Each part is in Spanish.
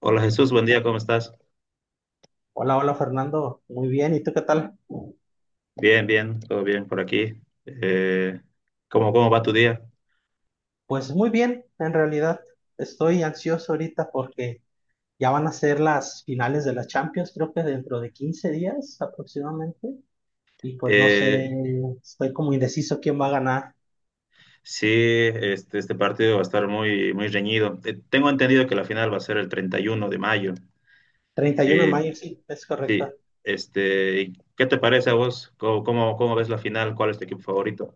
Hola Jesús, buen día, ¿cómo estás? Hola, hola Fernando, muy bien, ¿y tú qué tal? Bien, bien, todo bien por aquí. Eh, ¿¿Cómo va tu día? Pues muy bien, en realidad estoy ansioso ahorita porque ya van a ser las finales de la Champions, creo que dentro de 15 días aproximadamente, y pues no Eh, sé, estoy como indeciso quién va a ganar. sí, este, este partido va a estar muy, muy reñido. Tengo entendido que la final va a ser el 31 de mayo. 31 de Eh, mayo, sí, es sí, correcto. este, ¿y qué te parece a vos? ¿¿Cómo ves la final? ¿Cuál es tu equipo favorito?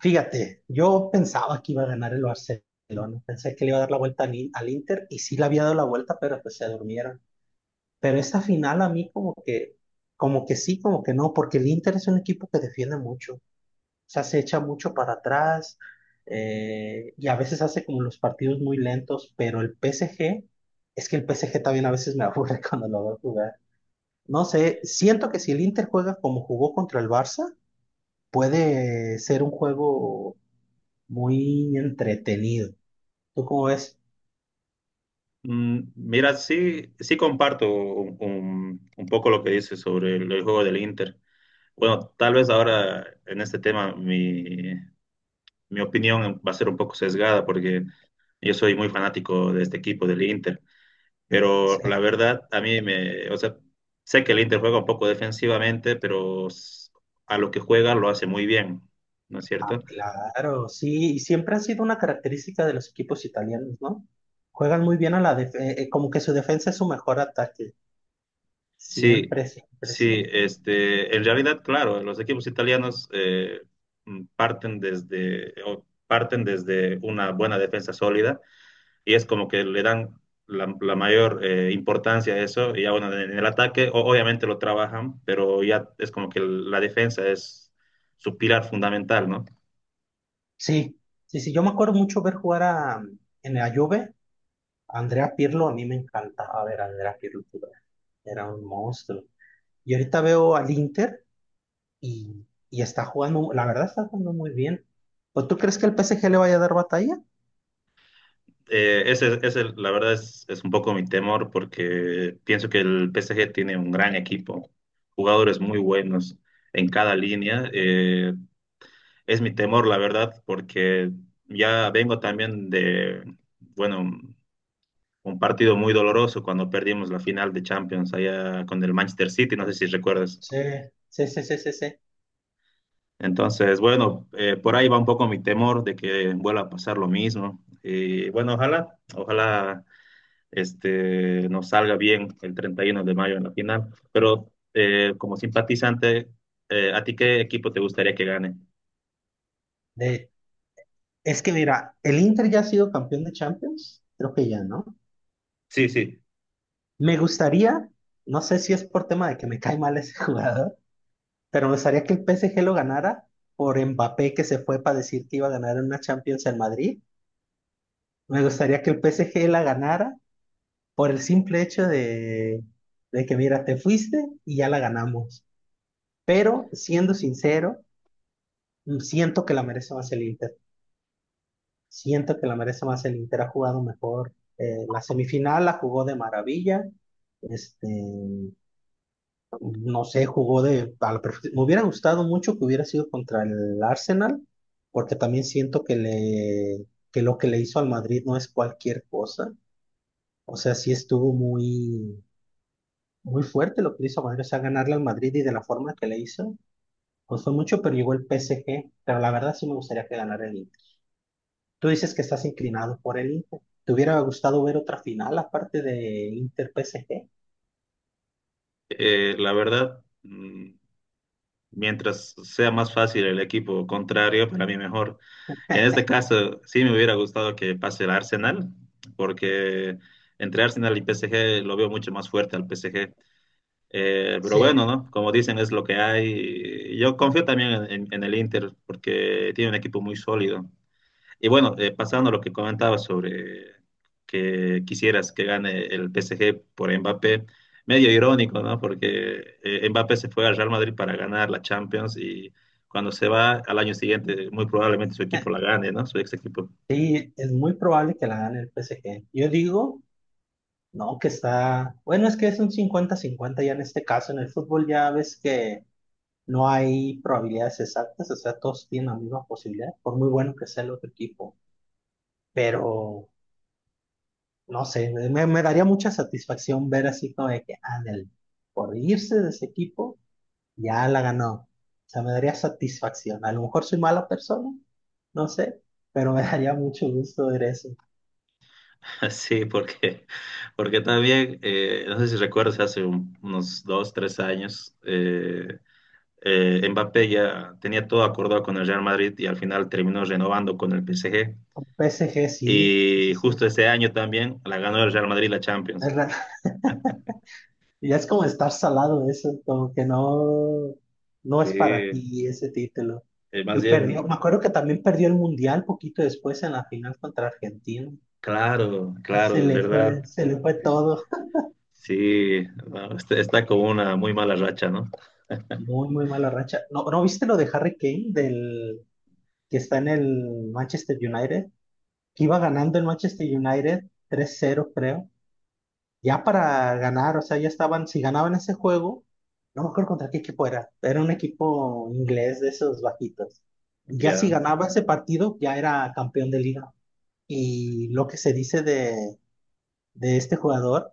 Fíjate, yo pensaba que iba a ganar el Barcelona, pensé que le iba a dar la vuelta al Inter y sí le había dado la vuelta, pero pues se durmieron. Pero esta final a mí como que sí, como que no, porque el Inter es un equipo que defiende mucho, o sea, se echa mucho para atrás, y a veces hace como los partidos muy lentos, pero el PSG, es que el PSG también a veces me aburre cuando lo veo jugar. No sé, siento que si el Inter juega como jugó contra el Barça, puede ser un juego muy entretenido. ¿Tú cómo ves? Mira, sí, sí comparto un poco lo que dices sobre el juego del Inter. Bueno, tal vez ahora en este tema mi opinión va a ser un poco sesgada porque yo soy muy fanático de este equipo del Inter, pero Sí. la verdad a mí me, o sea, sé que el Inter juega un poco defensivamente, pero a lo que juega lo hace muy bien, ¿no es cierto? Claro, sí, y siempre ha sido una característica de los equipos italianos, ¿no? Juegan muy bien a la defensa, como que su defensa es su mejor ataque, Sí, siempre, siempre, sí, siempre. este, en realidad, claro, los equipos italianos parten desde, o parten desde una buena defensa sólida y es como que le dan la, la mayor importancia a eso, y ya bueno, en el ataque obviamente lo trabajan, pero ya es como que la defensa es su pilar fundamental, ¿no? Sí, sí, sí, yo me acuerdo mucho ver jugar a, en la Juve, a Andrea Pirlo, a mí me encantaba ver a Andrea Pirlo jugar, era un monstruo. Y ahorita veo al Inter y, y está jugando, la verdad está jugando muy bien. ¿O tú crees que el PSG le vaya a dar batalla? Ese, la verdad es un poco mi temor porque pienso que el PSG tiene un gran equipo, jugadores muy buenos en cada línea. Es mi temor, la verdad, porque ya vengo también de, bueno, un partido muy doloroso cuando perdimos la final de Champions allá con el Manchester City, no sé si recuerdas. Sí, sí, sí, sí, sí, sí. Entonces, bueno, por ahí va un poco mi temor de que vuelva a pasar lo mismo. Y bueno, ojalá, ojalá nos salga bien el 31 de mayo en la final. Pero como simpatizante, ¿a ti qué equipo te gustaría que gane? De, es que mira, el Inter ya ha sido campeón de Champions, creo que ya, ¿no? Sí, sí. Me gustaría, no sé si es por tema de que me cae mal ese jugador, pero me gustaría que el PSG lo ganara por Mbappé que se fue para decir que iba a ganar en una Champions en Madrid. Me gustaría que el PSG la ganara por el simple hecho de que, mira, te fuiste y ya la ganamos. Pero siendo sincero, siento que la merece más el Inter. Siento que la merece más el Inter. Ha jugado mejor. La semifinal la jugó de maravilla. Este, no sé, jugó de a la perfe- me hubiera gustado mucho que hubiera sido contra el Arsenal, porque también siento que le que lo que le hizo al Madrid no es cualquier cosa. O sea, sí estuvo muy fuerte lo que hizo Madrid, o a ganarle al Madrid y de la forma que le hizo. Costó mucho, pero llegó el PSG. Pero la verdad sí me gustaría que ganara el Inter. Tú dices que estás inclinado por el Inter. ¿Te hubiera gustado ver otra final aparte de Inter-PSG? La verdad, mientras sea más fácil el equipo contrario, para mí mejor. En este caso, sí me hubiera gustado que pase el Arsenal, porque entre Arsenal y PSG lo veo mucho más fuerte al PSG. Pero Sí. bueno, ¿no? Como dicen, es lo que hay. Yo confío también en el Inter, porque tiene un equipo muy sólido. Y bueno, pasando a lo que comentabas sobre que quisieras que gane el PSG por Mbappé, medio irónico, ¿no? Porque Mbappé se fue al Real Madrid para ganar la Champions y cuando se va al año siguiente, muy probablemente su equipo la gane, ¿no? Su ex equipo. Sí, es muy probable que la gane el PSG. Yo digo, no, que está, bueno, es que es un 50-50 ya en este caso, en el fútbol ya ves que no hay probabilidades exactas, o sea, todos tienen la misma posibilidad, por muy bueno que sea el otro equipo, pero no sé, me daría mucha satisfacción ver así como de que, ándale, por irse de ese equipo, ya la ganó. O sea, me daría satisfacción. A lo mejor soy mala persona, no sé, pero me daría mucho gusto ver eso. Sí, porque, porque también, no sé si recuerdas, hace unos dos, tres años, Mbappé ya tenía todo acordado con el Real Madrid y al final terminó renovando con el PSG. Con PSG sí, sí, sí, Y sí. justo ese año también la ganó el Real Madrid la Champions. Es ra- ya es como estar salado eso, como que no, no Sí, es para ti ese título. más Y perdió, bien, me acuerdo que también perdió el Mundial poquito después en la final contra Argentina. claro, claro, es verdad. Se le fue Eh, todo. Sí, no, está, está con una muy mala racha, ¿no? Muy, muy mala racha. ¿No, no viste lo de Harry Kane, del que está en el Manchester United? Que iba ganando el Manchester United tres 0 creo. Ya para ganar, o sea, ya estaban, si ganaban ese juego, no me acuerdo contra qué equipo era. Era un equipo inglés de esos bajitos. Y ya si Ya, ganaba ese partido, ya era campeón de liga. Y lo que se dice de este jugador,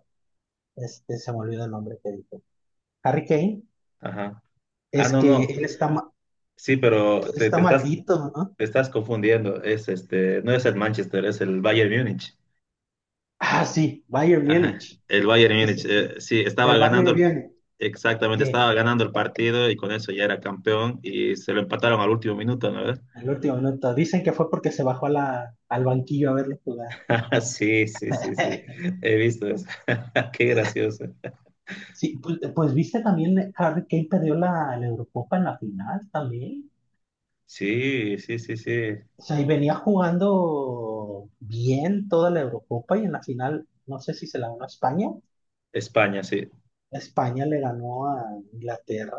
este, se me olvidó el nombre que dijo. Harry Kane, ajá. Ah, es no, que no. él está, ma- Sí, que pero él te, está maldito, ¿no? te estás confundiendo. Es este, no es el Manchester, es el Bayern Múnich. Ah, sí, Bayern Ajá. Múnich. El Bayern Sí, Múnich, sí, sí. Sí, estaba Del Bayern ganando, viene. exactamente, Sí, estaba ganando el partido y con eso ya era campeón y se lo empataron al último minuto, ¿no? el último minuto. Dicen que fue porque se bajó a al banquillo a verlo jugar. Ah, sí, sí, sí, sí. He visto eso. Qué gracioso. Sí, pues, viste también Harry Kane perdió la Eurocopa en la final también. Sí, sí, sí, sí. O sea, y venía jugando bien toda la Eurocopa y en la final, no sé si se la ganó a España. España, sí. España le ganó a Inglaterra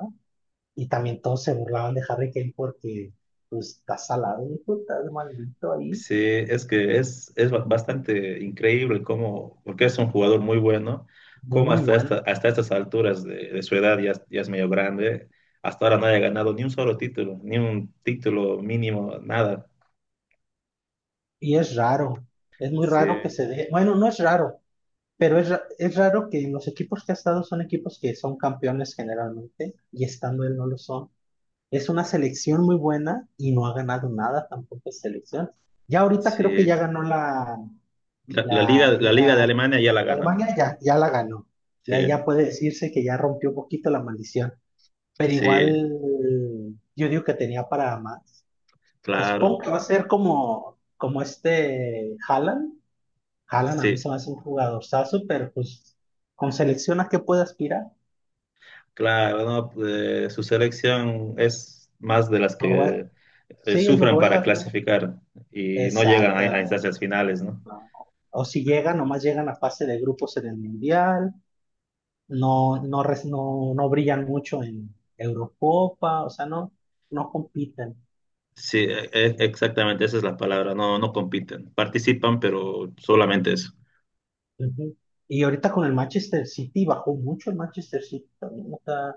y también todos se burlaban de Harry Kane porque pues, está salado, hijo, está maldito ahí. Sí, es que es bastante increíble cómo, porque es un jugador muy bueno, cómo Muy hasta, bueno. Hasta estas alturas de su edad ya, ya es medio grande, hasta ahora no haya ganado ni un solo título, ni un título mínimo, nada. Y es raro, es muy Sí, raro que se dé, bueno, no es raro, pero es raro que los equipos que ha estado son equipos que son campeones generalmente y estando él no lo son. Es una selección muy buena y no ha ganado nada tampoco es selección. Ya ahorita creo que sí. ya ganó la, La, la la liga de Liga Alemania ya la de ganó. Alemania, ya, ya la ganó. Ya, Sí, ya puede decirse que ya rompió un poquito la maldición, pero sí, igual yo digo que tenía para más. O sea, supongo claro. que va a ser como este Haaland. Haaland a mí se Sí. me hace un jugadorzazo, pero pues con selecciones que puede aspirar. Claro, no, su selección es más de las Noruega. que Sí, es sufren para Noruega, creo. clasificar y no llegan a Exactamente. instancias finales, ¿no? No. O si llegan, nomás llegan a fase de grupos en el Mundial, no brillan mucho en Eurocopa, o sea, no, no compiten. Sí, exactamente, esa es la palabra, no, no compiten, participan, pero solamente eso. Ujú. Y ahorita con el Manchester City, bajó mucho el Manchester City también, o sea,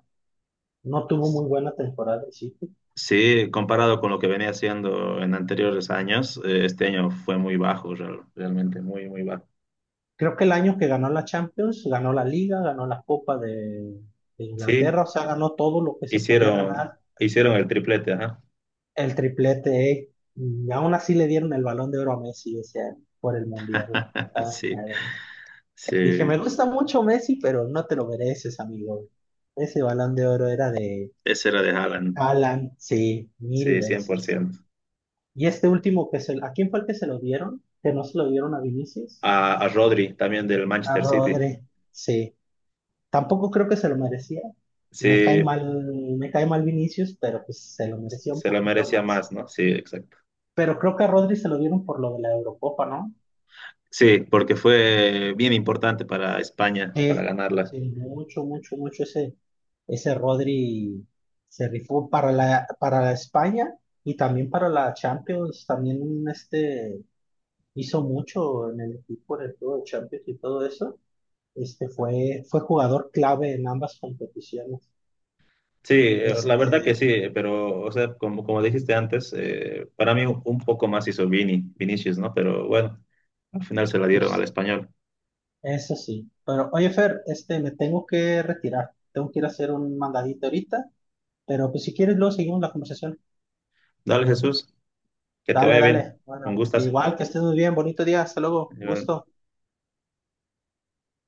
no tuvo muy buena temporada el City. Sí, comparado con lo que venía haciendo en anteriores años, este año fue muy bajo, realmente muy, muy bajo. Creo que el año que ganó la Champions, ganó la Liga, ganó la Copa de Sí, Inglaterra, o sea, ganó todo lo que se podía hicieron, ganar, hicieron el triplete, ajá. el triplete, ¿eh? Y aún así le dieron el Balón de Oro a Messi ese año por el Mundial. Ah, Sí, sí, dije, me gusta mucho Messi, pero no te lo mereces, amigo. Ese Balón de Oro era de ese era de Haaland, Alan, sí, mil sí, cien por veces. ciento. Y este último ¿a quién fue el que se lo dieron? Que no se lo dieron a Vinicius, A, a Rodri, también del a Manchester City. Rodri, sí. Tampoco creo que se lo merecía. Me cae Sí, mal, me cae mal Vinicius, pero pues se lo merecía un se lo poquito merecía más. más, ¿no? Sí, exacto. Pero creo que a Rodri se lo dieron por lo de la Eurocopa, ¿no? Sí, porque fue bien importante para España, para Sí, ganarla. sí, mucho, mucho, mucho ese Rodri se rifó para la España y también para la Champions. También este hizo mucho en el equipo, en el juego de Champions y todo eso. Este fue jugador clave en ambas competiciones. Sí, la verdad que Este, sí, pero, o sea, como, como dijiste antes, para mí un poco más hizo Vini, Vinicius, ¿no? Pero bueno, al final se la dieron al pues español. eso sí. Pero oye, Fer, este, me tengo que retirar. Tengo que ir a hacer un mandadito ahorita. Pero pues si quieres, luego seguimos la conversación. Dale, Jesús, que te Dale, vaya bien. dale. Un Bueno, gustas. igual que estés muy bien. Bonito día. Hasta luego. Gusto.